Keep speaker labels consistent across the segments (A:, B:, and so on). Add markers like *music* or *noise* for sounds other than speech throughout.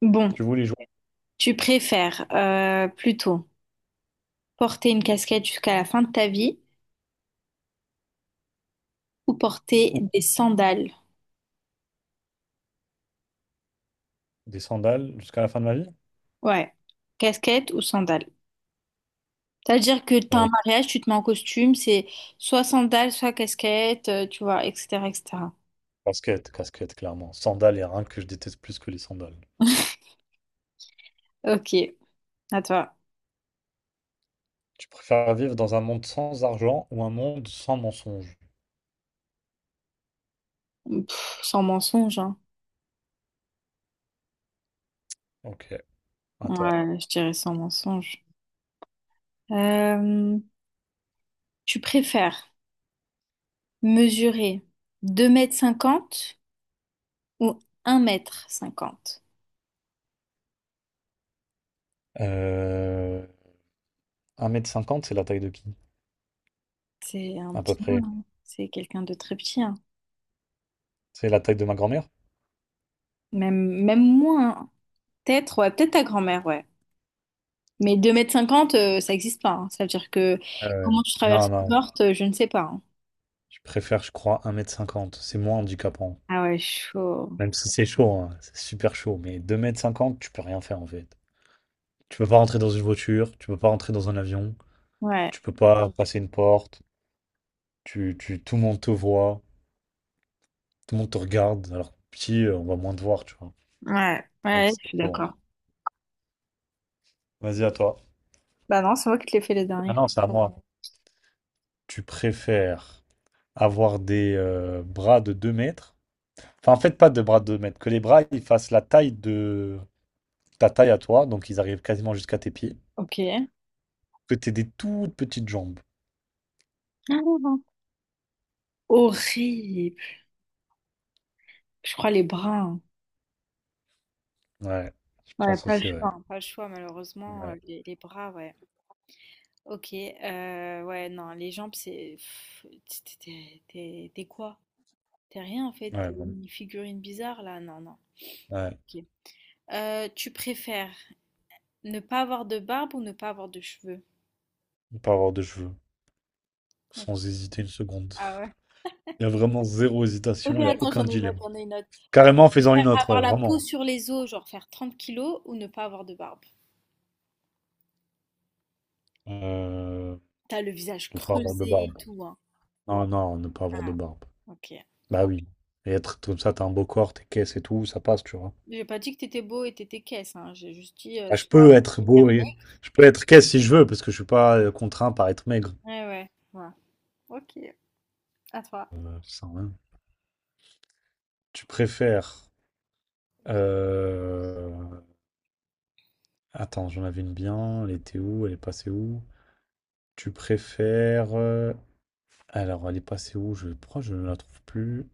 A: Bon,
B: Tu voulais jouer
A: tu préfères plutôt porter une casquette jusqu'à la fin de ta vie ou
B: où?
A: porter des sandales?
B: Des sandales jusqu'à la fin de ma vie?
A: Ouais, casquette ou sandales. C'est-à-dire que t'as un
B: Euh,
A: mariage, tu te mets en costume, c'est soit sandales, soit casquette, tu vois, etc., etc.
B: casquette, casquette, clairement. Sandales, il n'y a rien que je déteste plus que les sandales.
A: Ok, à toi.
B: Tu préfères vivre dans un monde sans argent ou un monde sans mensonges?
A: Sans mensonge, hein.
B: Ok, à toi.
A: Ouais, je dirais sans mensonge. Euh, Tu préfères mesurer 2,50 m ou 1,50 m.
B: Euh... 1 m 50, c'est la taille de qui?
A: C'est un
B: À peu
A: petit nain,
B: près.
A: hein. C'est quelqu'un de très petit, hein.
B: C'est la taille de ma grand-mère?
A: Même, même moins, hein. Peut-être, ouais, peut-être ta grand-mère, ouais. Mais 2,50 m ça n'existe pas, hein. Ça veut dire que
B: Euh,
A: comment tu
B: non,
A: traverses une
B: non.
A: porte, je ne sais pas, hein.
B: Je préfère, je crois, un mètre cinquante. C'est moins handicapant.
A: Ah ouais, chaud.
B: Même si c'est chaud, hein, c'est super chaud. Mais deux mètres cinquante, tu peux rien faire en fait. Tu peux pas rentrer dans une voiture, tu peux pas rentrer dans un avion,
A: Ouais,
B: tu peux pas passer une porte. Tu, tout le monde te voit, tout le monde te regarde, alors que petit, on va moins te voir, tu vois.
A: ouais,
B: Même
A: ouais,
B: si
A: je
B: c'est
A: suis d'accord.
B: Vas-y, à toi.
A: Bah non, c'est moi qui te l'ai fait les
B: Ah
A: derniers.
B: non, c'est à moi. Tu préfères avoir des bras de 2 mètres. Enfin, en fait, pas de bras de deux mètres. Que les bras, ils fassent la taille de ta taille à toi, donc ils arrivent quasiment jusqu'à tes pieds.
A: Ok. *laughs*
B: Que t'aies des toutes petites jambes.
A: Ah, horrible. Je crois les bras, hein.
B: Ouais, je
A: Ouais,
B: pense
A: pas le
B: aussi, ouais.
A: choix, hein. Pas le choix, malheureusement.
B: Ouais,
A: Les bras, ouais. Ok. Ouais, non, les jambes, c'est. T'es quoi? T'es rien en fait,
B: ouais,
A: t'es
B: bon.
A: une figurine bizarre là, non, non.
B: Ouais.
A: Ok. Tu préfères ne pas avoir de barbe ou ne pas avoir de cheveux?
B: Ne pas avoir de cheveux.
A: Ok.
B: Sans hésiter une seconde.
A: Ah ouais.
B: *laughs* Il y a vraiment zéro hésitation,
A: Ok,
B: il n'y a
A: attends,
B: aucun
A: j'en ai une autre,
B: dilemme.
A: j'en ai une autre.
B: Carrément en
A: Tu
B: faisant une
A: préfères
B: autre, ouais,
A: avoir la peau
B: vraiment.
A: sur les os, genre faire 30 kilos, ou ne pas avoir de barbe?
B: Euh,
A: T'as le visage
B: ne pas avoir de
A: creusé et
B: barbe.
A: tout, hein.
B: Non, non, ne pas avoir de
A: Ah,
B: barbe.
A: ok.
B: Bah oui. Et être comme ça, t'as un beau corps, t'es caisse et tout, ça passe, tu vois.
A: J'ai pas dit que t'étais beau et t'étais caisse, hein. J'ai juste dit
B: Bah, je
A: soit.
B: peux être beau et je peux être caisse si je veux, parce que je suis pas contraint par être maigre.
A: Ouais, ouais, ouais. Ok, à toi.
B: Ça, hein. Tu préfères. Euh, Attends, j'en avais une bien. Elle était où? Elle est passée où? Tu préfères. Alors, elle est passée où? Pourquoi je ne la trouve plus?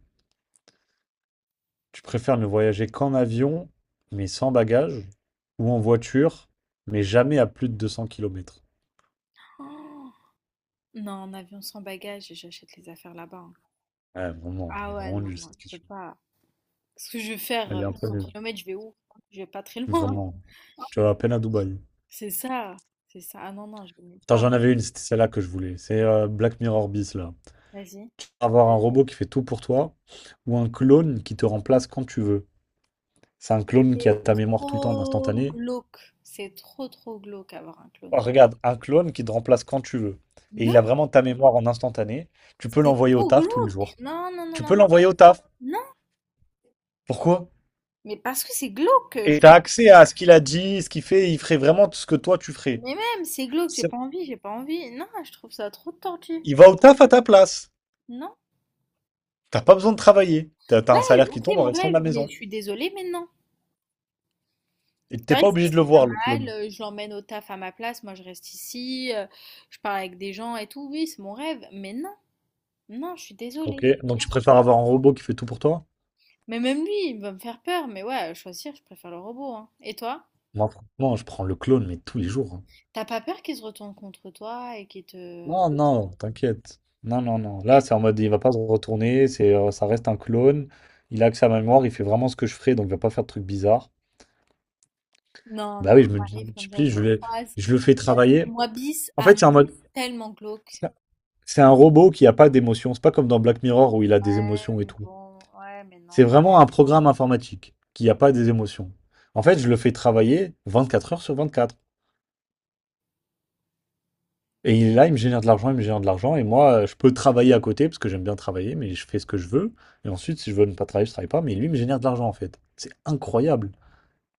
B: Tu préfères ne voyager qu'en avion, mais sans bagages, ou en voiture, mais jamais à plus de 200 km.
A: Oh, non, en avion sans bagage, j'achète les affaires là-bas, hein.
B: Ouais, vraiment, elle
A: Ah
B: est
A: ouais,
B: vraiment
A: non,
B: nulle
A: non,
B: cette
A: tu peux
B: question.
A: pas. Parce que je vais faire
B: Elle est un peu
A: 200
B: nulle.
A: km, je vais où? Je vais pas très *laughs* loin.
B: Vraiment. Tu vas à peine à Dubaï.
A: C'est ça, c'est ça. Ah non, non, je vais nulle
B: Attends,
A: part.
B: j'en avais une, c'était celle-là que je voulais. C'est Black Mirror bis, là.
A: Vas-y.
B: Avoir un robot qui fait tout pour toi, ou un clone qui te remplace quand tu veux. C'est un clone
A: C'est
B: qui a ta mémoire tout le temps en
A: trop
B: instantané.
A: glauque. C'est trop, trop glauque avoir un
B: Oh,
A: clone.
B: regarde, un clone qui te remplace quand tu veux. Et il a
A: Non,
B: vraiment ta mémoire en instantané. Tu peux
A: c'est
B: l'envoyer au
A: trop
B: taf tous les
A: glauque.
B: jours.
A: Non, non, non,
B: Tu
A: non,
B: peux
A: mais...
B: l'envoyer au taf.
A: Non,
B: Pourquoi?
A: mais parce que c'est glauque.
B: Et tu as accès à ce qu'il a dit, ce qu'il fait, il ferait vraiment tout ce que toi tu ferais.
A: Mais même, c'est glauque, j'ai
B: C'est-
A: pas envie, j'ai pas envie. Non, je trouve ça trop tordu.
B: Il va au taf à ta place.
A: Non.
B: T'as pas besoin de travailler. T'as un
A: Ouais,
B: salaire qui
A: ok,
B: tombe en
A: mon
B: restant de
A: rêve,
B: la
A: mais
B: maison.
A: je suis désolée, mais non.
B: Et
A: C'est
B: t'es
A: vrai
B: pas
A: que
B: obligé
A: ça
B: de le
A: serait pas
B: voir, le
A: mal,
B: clone.
A: je l'emmène au taf à ma place, moi je reste ici, je parle avec des gens et tout, oui, c'est mon rêve, mais non. Non, je suis
B: Ok,
A: désolée.
B: donc
A: Non,
B: tu
A: c'est-
B: préfères avoir un robot qui fait tout pour toi?
A: Mais même lui, il va me faire peur. Mais ouais, à choisir, je préfère le robot, hein. Et toi?
B: Moi, franchement, je prends le clone, mais tous les jours, hein.
A: T'as pas peur qu'il se retourne contre toi et qu'il te...
B: Non, non, t'inquiète. Non, non, non. Là,
A: Eh,
B: c'est en mode, il va pas se retourner, ça reste un clone. Il a accès à ma mémoire, il fait vraiment ce que je ferais, donc il va pas faire de trucs bizarres.
A: non,
B: Bah
A: non,
B: oui, je me
A: j'arrive comme ça, je
B: multiplie,
A: le croise.
B: je le fais travailler.
A: Moi, bis,
B: En fait,
A: Anne,
B: c'est en mode,
A: tellement glauque.
B: c'est un robot qui n'a pas d'émotion. C'est pas comme dans Black Mirror où il a des
A: Ouais,
B: émotions et
A: mais
B: tout.
A: bon, ouais, mais non,
B: C'est
A: non.
B: vraiment un programme informatique qui n'a pas des émotions. En fait, je le fais travailler 24 heures sur 24. Et il est là, il me génère de l'argent, il me génère de l'argent. Et moi, je peux travailler à côté parce que j'aime bien travailler, mais je fais ce que je veux. Et ensuite, si je veux ne pas travailler, je travaille pas. Mais lui, il me génère de l'argent en fait. C'est incroyable.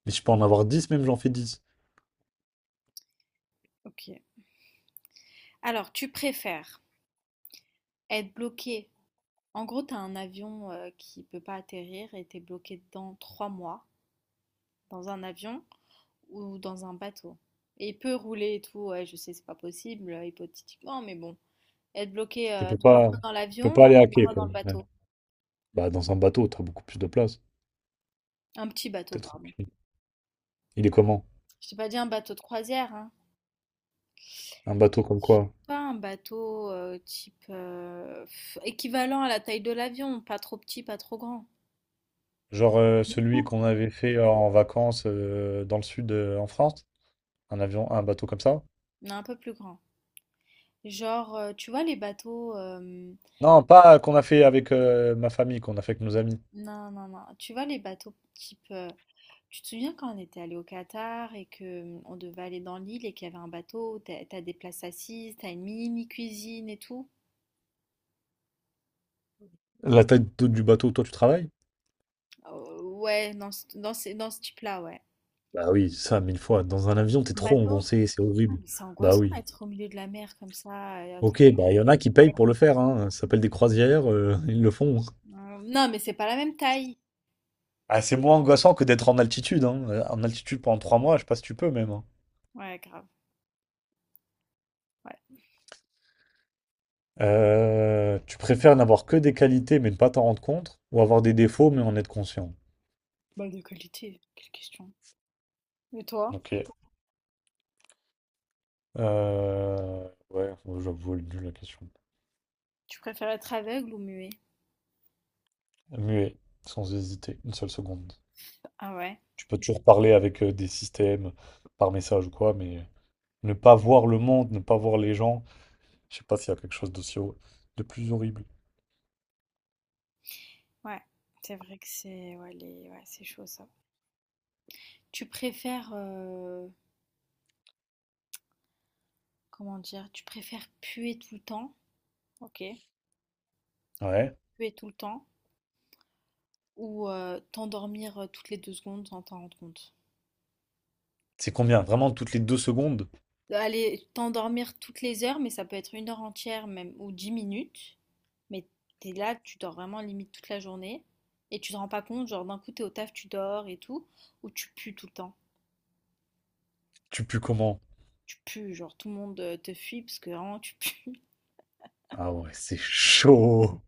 B: Mais si je peux en avoir dix, même j'en fais dix.
A: Ok. Alors, tu préfères être bloqué. En gros, t'as un avion qui peut pas atterrir et t'es bloqué dedans 3 mois dans un avion ou dans un bateau. Et peut rouler et tout, ouais, je sais, c'est pas possible, hypothétiquement, mais bon. Être bloqué
B: Il peut
A: 3 mois
B: pas,
A: dans
B: il peut
A: l'avion
B: pas
A: ou
B: aller
A: trois
B: hacker
A: mois
B: quoi.
A: dans le
B: Ouais.
A: bateau.
B: Bah, dans un bateau, tu as beaucoup plus de place.
A: Un petit bateau,
B: T'es
A: pardon.
B: tranquille. Il est comment?
A: Je t'ai pas dit un bateau de croisière, hein.
B: Un bateau comme
A: Je sais
B: quoi?
A: pas, un bateau type, équivalent à la taille de l'avion, pas trop petit, pas trop grand.
B: Genre
A: Du
B: celui
A: coup,
B: qu'on avait fait en vacances dans le sud en France, un avion, un bateau comme ça.
A: mais un peu plus grand. Genre, tu vois les bateaux.
B: Non, pas qu'on a fait avec ma famille, qu'on a fait avec nos amis.
A: Non, non, non. Tu vois les bateaux type. Tu te souviens quand on était allé au Qatar et que on devait aller dans l'île et qu'il y avait un bateau, t'as des places assises, t'as une mini cuisine et tout?
B: La taille du bateau où toi tu travailles?
A: Ouais, dans ce, dans ce type-là, ouais.
B: Bah oui, ça, mille fois. Dans un avion, t'es
A: Un
B: trop
A: bateau?
B: engoncé, c'est
A: Ah,
B: horrible.
A: mais c'est
B: Bah
A: angoissant
B: oui.
A: d'être au milieu de la mer comme ça, et à tout
B: Ok,
A: moment.
B: bah il y en a qui payent pour le faire, hein. Ça s'appelle des croisières, *laughs* ils le font.
A: Non, mais c'est pas la même taille.
B: Ah, c'est moins angoissant que d'être en altitude, hein. En altitude pendant trois mois, je sais pas si tu peux même, hein.
A: Ouais, grave. Ouais.
B: Tu préfères n'avoir que des qualités mais ne pas t'en rendre compte, ou avoir des défauts mais en être conscient?
A: Bah, de qualité, quelle question. Et toi,
B: Ok. Euh, ouais, j'avoue, elle est nulle, la question.
A: tu préfères être aveugle ou muet?
B: Muet, sans hésiter, une seule seconde.
A: Ah ouais,
B: Tu peux toujours parler avec des systèmes par message ou quoi, mais ne pas voir le monde, ne pas voir les gens, je sais pas s'il y a quelque chose d'aussi de plus horrible.
A: ouais. C'est vrai que c'est ouais, ouais, c'est chaud ça. Tu préfères Comment dire? Tu préfères puer tout le temps. Ok.
B: Ouais.
A: Puer tout le temps, ou t'endormir toutes les 2 secondes sans t'en rendre compte?
B: C'est combien? Vraiment, toutes les deux secondes,
A: Allez, t'endormir toutes les heures, mais ça peut être une heure entière même, ou 10 minutes. Mais t'es là, tu dors vraiment limite toute la journée, et tu te rends pas compte, genre d'un coup t'es au taf, tu dors et tout, ou tu pues tout le temps.
B: tu pues comment?
A: Tu pues, genre tout le monde te fuit parce que vraiment tu pues. *laughs*
B: Ah ouais, c'est chaud.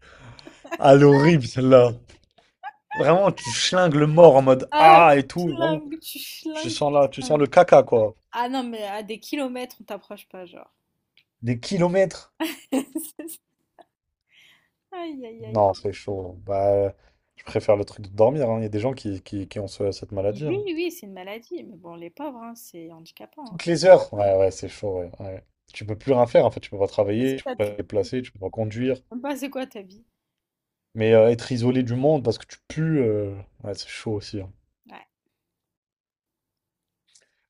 B: Ah, l'horrible celle-là. Vraiment, tu chlingues le mort en mode
A: Ah, ouais,
B: ah et
A: tu
B: tout. Vraiment,
A: flingues, tu
B: tu
A: flingues,
B: sens là,
A: tu
B: tu sens le
A: flingues.
B: caca, quoi.
A: Ah non, mais à des kilomètres, on t'approche pas, genre.
B: Des kilomètres.
A: *laughs* Aïe, aïe, aïe.
B: Non, c'est chaud. Bah, je préfère le truc de dormir, hein. Il y a des gens qui ont cette
A: Mais
B: maladie,
A: oui,
B: hein.
A: oui, c'est une maladie. Mais bon, les pauvres, hein, c'est handicapant, hein.
B: Toutes les heures. Ouais, ouais, c'est chaud, ouais, ouais. Tu peux plus rien faire, en fait. Tu peux pas
A: Et c'est
B: travailler, tu
A: ça.
B: peux pas te
A: Tu-
B: déplacer, tu peux pas
A: tu-
B: conduire.
A: Même pas, c'est quoi ta vie?
B: Mais être isolé du monde parce que tu pues, ouais, c'est chaud aussi, hein.
A: Ouais.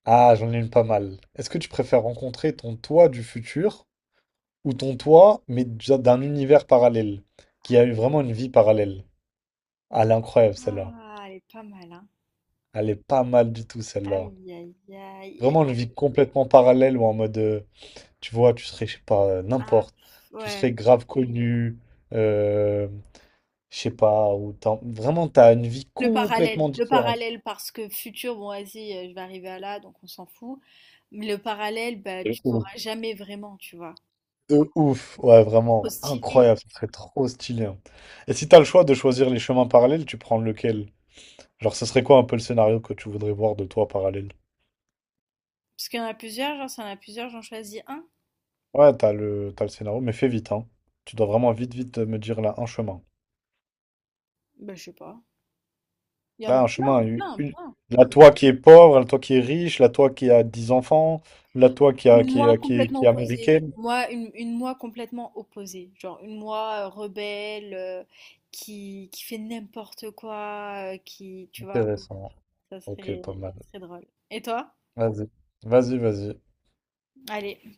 B: Ah, j'en ai une pas mal. Est-ce que tu préfères rencontrer ton toi du futur ou ton toi, mais déjà d'un univers parallèle, qui a eu vraiment une vie parallèle? Ah, elle est incroyable, celle-là.
A: Ah, elle est pas mal, hein.
B: Elle est pas mal du tout, celle-là.
A: Aïe, aïe, aïe,
B: Vraiment une
A: aïe.
B: vie complètement parallèle ou en mode... Tu vois, tu serais, je sais pas,
A: Ah,
B: n'importe. Tu
A: ouais.
B: serais grave connu, euh, je sais pas, ou vraiment, t'as une vie complètement
A: Le
B: différente.
A: parallèle, parce que futur, bon, vas-y, je vais arriver à là, donc on s'en fout. Mais le parallèle, bah,
B: De
A: tu
B: ouf.
A: sauras jamais vraiment, tu vois.
B: De ouf. Ouais,
A: Trop
B: vraiment,
A: stylé.
B: incroyable, ce serait trop stylé, hein. Et si t'as le choix de choisir les chemins parallèles, tu prends lequel? Genre, ce serait quoi un peu le scénario que tu voudrais voir de toi parallèle?
A: Parce qu'il y en a plusieurs, genre, s'il y en a plusieurs, j'en choisis un.
B: Ouais, t'as le scénario, mais fais vite, hein. Tu dois vraiment vite, vite me dire là un chemin.
A: Bah, je sais pas. Il y en
B: Là,
A: a
B: un chemin,
A: plein, plein, plein.
B: la toi qui est pauvre, la toi qui est riche, la toi qui a 10 enfants, la toi
A: Une moi
B: qui est,
A: complètement
B: qui est
A: opposée.
B: américaine.
A: Moi, une moi complètement opposée. Genre une moi rebelle, qui fait n'importe quoi, qui, tu vois,
B: Intéressant.
A: ça
B: Ok, pas
A: serait,
B: mal.
A: ça serait drôle. Et toi?
B: Vas-y, vas-y, vas-y.
A: Allez.